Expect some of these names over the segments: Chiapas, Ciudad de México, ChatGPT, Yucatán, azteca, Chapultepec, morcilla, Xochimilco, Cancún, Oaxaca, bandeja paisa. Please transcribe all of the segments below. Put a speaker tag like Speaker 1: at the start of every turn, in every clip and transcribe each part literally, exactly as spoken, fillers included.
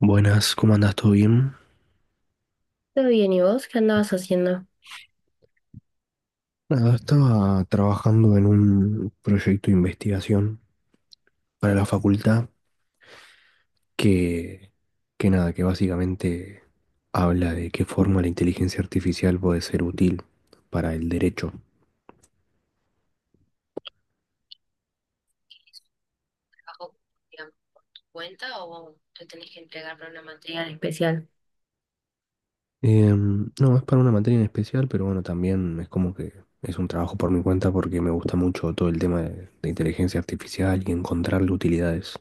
Speaker 1: Buenas, ¿cómo andas? ¿Todo bien?
Speaker 2: Todo bien, ¿y vos qué andabas haciendo?
Speaker 1: Nada, estaba trabajando en un proyecto de investigación para la facultad que, que nada, que básicamente habla de qué forma la inteligencia artificial puede ser útil para el derecho.
Speaker 2: ¿Bajo, digamos, cuenta o te tenés que entregar para una materia en especial? Especial.
Speaker 1: Em, no, es para una materia en especial, pero bueno, también es como que es un trabajo por mi cuenta porque me gusta mucho todo el tema de, de inteligencia artificial y encontrarle utilidades.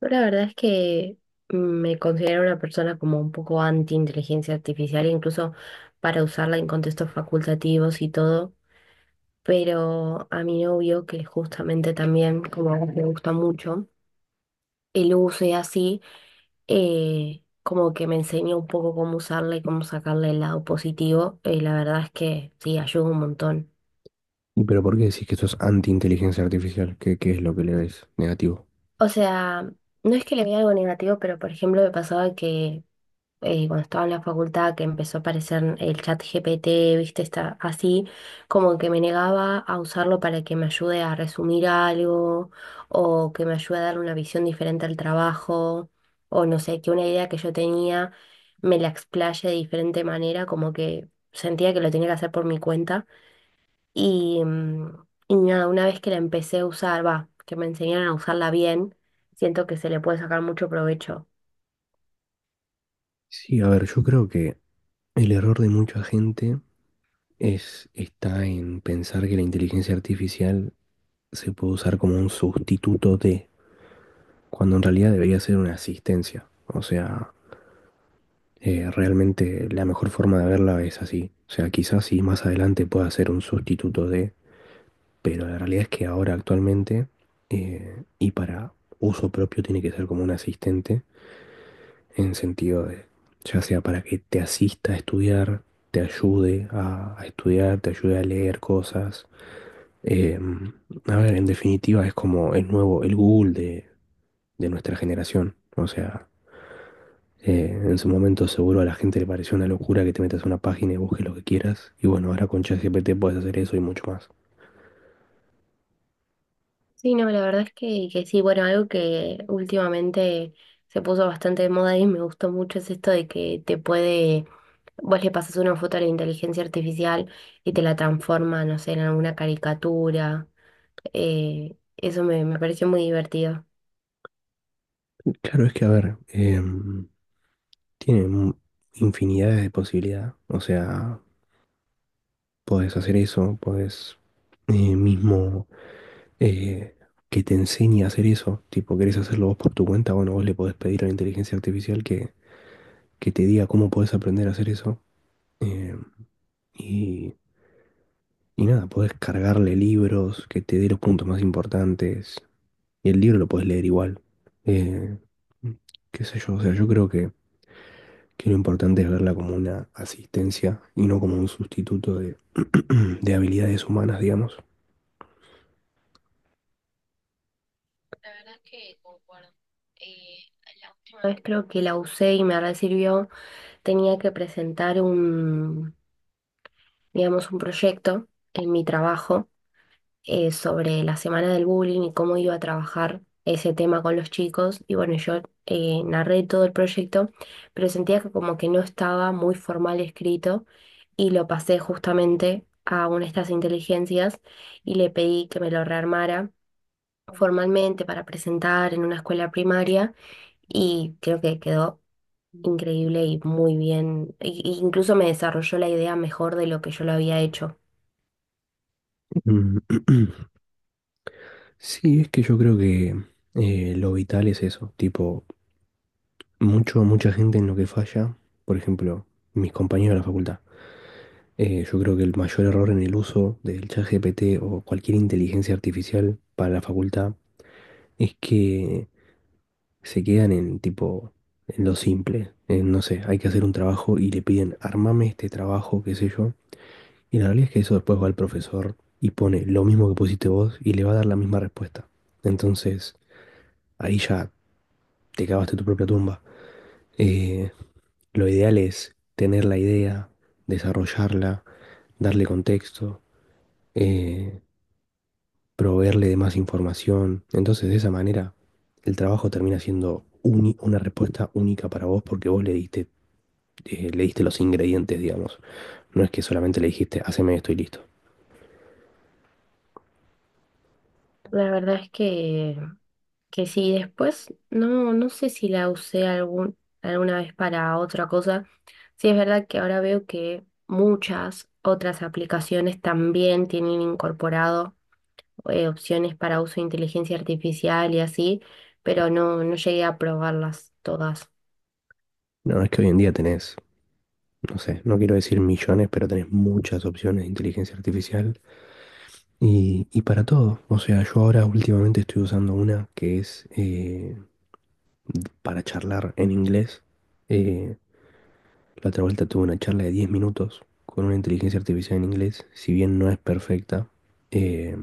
Speaker 2: Yo la verdad es que me considero una persona como un poco anti-inteligencia artificial, incluso para usarla en contextos facultativos y todo, pero a mi novio, que justamente también como a él le gusta mucho, el uso y así, eh, como que me enseña un poco cómo usarla y cómo sacarle el lado positivo, y la verdad es que sí, ayuda un montón.
Speaker 1: ¿Y pero por qué decís que esto es anti-inteligencia artificial? ¿Qué, qué es lo que le ves negativo?
Speaker 2: O sea, no es que le vea algo negativo, pero por ejemplo me pasaba que eh, cuando estaba en la facultad que empezó a aparecer el chat G P T, viste, está así, como que me negaba a usarlo para que me ayude a resumir algo o que me ayude a dar una visión diferente al trabajo o no sé, que una idea que yo tenía me la explaye de diferente manera, como que sentía que lo tenía que hacer por mi cuenta. Y, mm, y nada, una vez que la empecé a usar, va, que me enseñaron a usarla bien, siento que se le puede sacar mucho provecho.
Speaker 1: Sí, a ver, yo creo que el error de mucha gente es, está en pensar que la inteligencia artificial se puede usar como un sustituto de, cuando en realidad debería ser una asistencia. O sea, eh, realmente la mejor forma de verla es así. O sea, quizás sí más adelante pueda ser un sustituto de, pero la realidad es que ahora actualmente eh, y para uso propio tiene que ser como un asistente en sentido de, ya sea para que te asista a estudiar, te ayude a, a estudiar, te ayude a leer cosas. Eh, a ver, en definitiva es como el nuevo, el Google de, de nuestra generación. O sea, eh, en su momento seguro a la gente le pareció una locura que te metas a una página y busques lo que quieras. Y bueno, ahora con ChatGPT puedes hacer eso y mucho más.
Speaker 2: Sí, no, la verdad es que, que sí, bueno, algo que últimamente se puso bastante de moda y me gustó mucho es esto de que te puede, vos le pasas una foto a la inteligencia artificial y te la transforma, no sé, en alguna caricatura. Eh, eso me, me pareció muy divertido.
Speaker 1: Claro, es que a ver, em, tiene mu- infinidades de posibilidades. O sea, podés hacer eso, podés eh, mismo eh, que te enseñe a hacer eso. Tipo, querés hacerlo vos por tu cuenta, bueno, vos le podés pedir a la inteligencia artificial que, que te diga cómo podés aprender a hacer eso. eh, y, y nada, podés cargarle libros, que te dé los puntos más importantes. Y el libro lo podés leer igual. Eh, Qué sé yo, o sea, yo creo que, que lo importante es verla como una asistencia y no como un sustituto de, de habilidades humanas, digamos.
Speaker 2: Y una vez creo que la usé y me sirvió, tenía que presentar un, digamos, un proyecto en mi trabajo, eh, sobre la semana del bullying y cómo iba a trabajar ese tema con los chicos. Y bueno, yo eh, narré todo el proyecto, pero sentía que como que no estaba muy formal escrito y lo pasé justamente a una de estas inteligencias y le pedí que me lo rearmara formalmente para presentar en una escuela primaria y creo que quedó increíble y muy bien. E- e incluso me desarrolló la idea mejor de lo que yo lo había hecho.
Speaker 1: Mm. Sí, es que yo creo que eh, lo vital es eso, tipo, Mucho, mucha gente en lo que falla, por ejemplo, mis compañeros de la facultad. Eh, yo creo que el mayor error en el uso del ChatGPT o cualquier inteligencia artificial para la facultad es que se quedan en tipo, en lo simple. En, no sé, hay que hacer un trabajo y le piden, armame este trabajo, qué sé yo. Y la realidad es que eso después va al profesor y pone lo mismo que pusiste vos y le va a dar la misma respuesta. Entonces, ahí ya te cavaste tu propia tumba. Eh, Lo ideal es tener la idea, desarrollarla, darle contexto, eh, proveerle de más información. Entonces, de esa manera, el trabajo termina siendo uni- una respuesta única para vos porque vos le diste, eh, le diste los ingredientes, digamos. No es que solamente le dijiste, haceme esto y listo.
Speaker 2: La verdad es que, que sí, después no, no sé si la usé algún, alguna vez para otra cosa. Sí, es verdad que ahora veo que muchas otras aplicaciones también tienen incorporado eh, opciones para uso de inteligencia artificial y así, pero no, no llegué a probarlas todas.
Speaker 1: No, es que hoy en día tenés, no sé, no quiero decir millones, pero tenés muchas opciones de inteligencia artificial y, y para todo. O sea, yo ahora últimamente estoy usando una que es... eh, para charlar en inglés. Eh, la otra vuelta tuve una charla de diez minutos con una inteligencia artificial en inglés. Si bien no es perfecta, eh,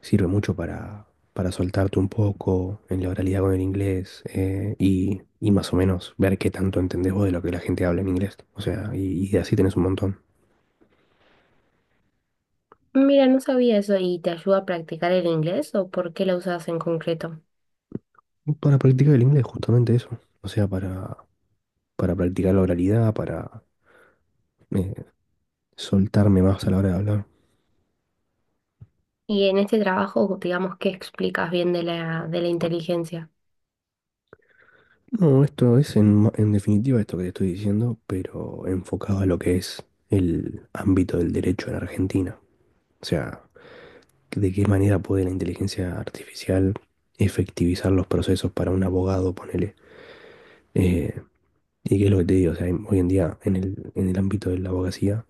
Speaker 1: sirve mucho para, para soltarte un poco en la oralidad con el inglés eh, y, y más o menos ver qué tanto entendés vos de lo que la gente habla en inglés. O sea, y, y así tenés un montón.
Speaker 2: Mira, no sabía eso, ¿y te ayuda a practicar el inglés o por qué la usas en concreto?
Speaker 1: Para practicar el inglés, justamente eso. O sea, para, para practicar la oralidad, para eh, soltarme más a la hora de hablar.
Speaker 2: Y en este trabajo, digamos, ¿qué explicas bien de la, de la inteligencia?
Speaker 1: No, esto es en, ma- en definitiva esto que te estoy diciendo, pero enfocado a lo que es el ámbito del derecho en Argentina. O sea, de qué manera puede la inteligencia artificial efectivizar los procesos para un abogado, ponele. Eh, y qué es lo que te digo, o sea, en- hoy en día en el, en el ámbito de la abogacía,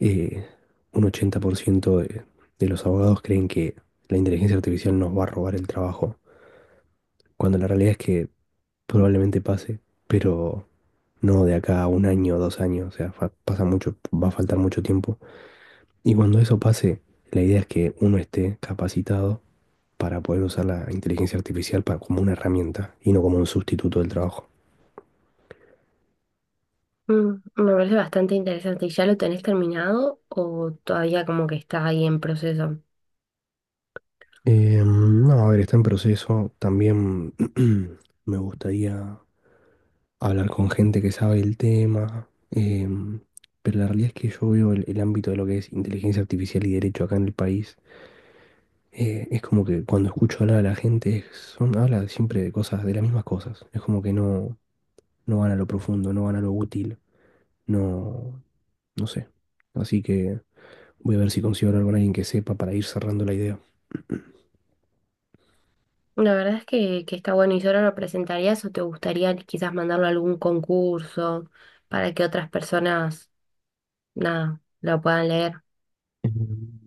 Speaker 1: eh, un ochenta por ciento de, de los abogados creen que la inteligencia artificial nos va a robar el trabajo, cuando la realidad es que probablemente pase, pero... no de acá a un año, dos años, o sea, fa- pasa mucho, va a faltar mucho tiempo. Y cuando eso pase, la idea es que uno esté capacitado para poder usar la inteligencia artificial para, como una herramienta y no como un sustituto del trabajo.
Speaker 2: Mm, me parece bastante interesante. ¿Y ya lo tenés terminado o todavía como que está ahí en proceso?
Speaker 1: Eh, no, a ver, está en proceso. También me gustaría hablar con gente que sabe el tema, eh, pero la realidad es que yo veo el, el ámbito de lo que es inteligencia artificial y derecho acá en el país. Eh, es como que cuando escucho hablar a la gente, es- son, habla siempre de cosas, de las mismas cosas. Es como que no, no van a lo profundo, no van a lo útil, no, no sé. Así que voy a ver si consigo hablar con alguien que sepa para ir cerrando la idea.
Speaker 2: La verdad es que, que está bueno. ¿Y solo lo presentarías o te gustaría quizás mandarlo a algún concurso para que otras personas, nada, lo puedan leer?
Speaker 1: Em,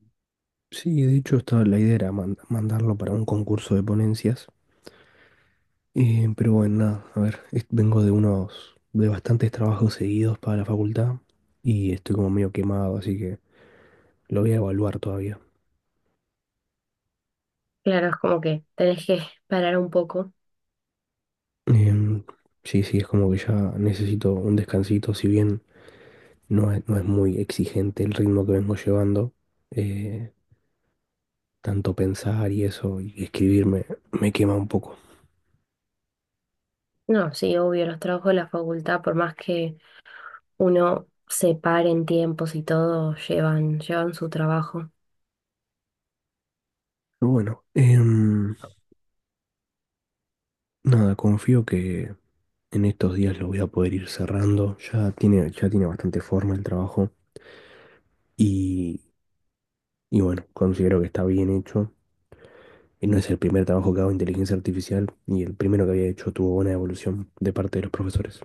Speaker 1: Sí, de hecho, estaba, la idea era man- mandarlo para un concurso de ponencias. Eh, pero bueno, nada, a ver, es- vengo de unos, de bastantes trabajos seguidos para la facultad y estoy como medio quemado, así que lo voy a evaluar todavía.
Speaker 2: Claro, es como que tenés que parar un poco.
Speaker 1: Em, sí, sí, es como que ya necesito un descansito, si bien no es, no es muy exigente el ritmo que vengo llevando, eh, tanto pensar y eso y escribir me, me quema un poco.
Speaker 2: No, sí, obvio, los trabajos de la facultad, por más que uno se pare en tiempos y todo, llevan, llevan su trabajo.
Speaker 1: Pero bueno, em, nada, confío que en estos días lo voy a poder ir cerrando, ya tiene, ya tiene bastante forma el trabajo y, y bueno, considero que está bien hecho. Y no es el primer trabajo que hago de inteligencia artificial y el primero que había hecho tuvo buena evolución de parte de los profesores.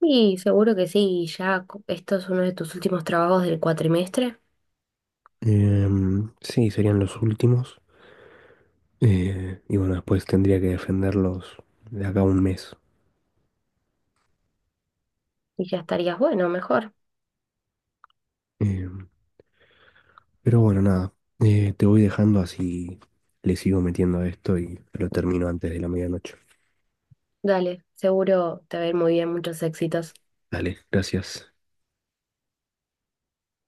Speaker 2: Y seguro que sí, ya co- esto es uno de tus últimos trabajos del cuatrimestre.
Speaker 1: Em, sí, serían los últimos. Eh, y bueno, después tendría que defenderlos de acá a un mes.
Speaker 2: Y ya estarías bueno, mejor.
Speaker 1: Em, pero bueno, nada. Eh, te voy dejando así le sigo metiendo a esto y lo termino antes de la medianoche.
Speaker 2: Dale, seguro te va a ir muy bien, muchos éxitos.
Speaker 1: Dale, gracias.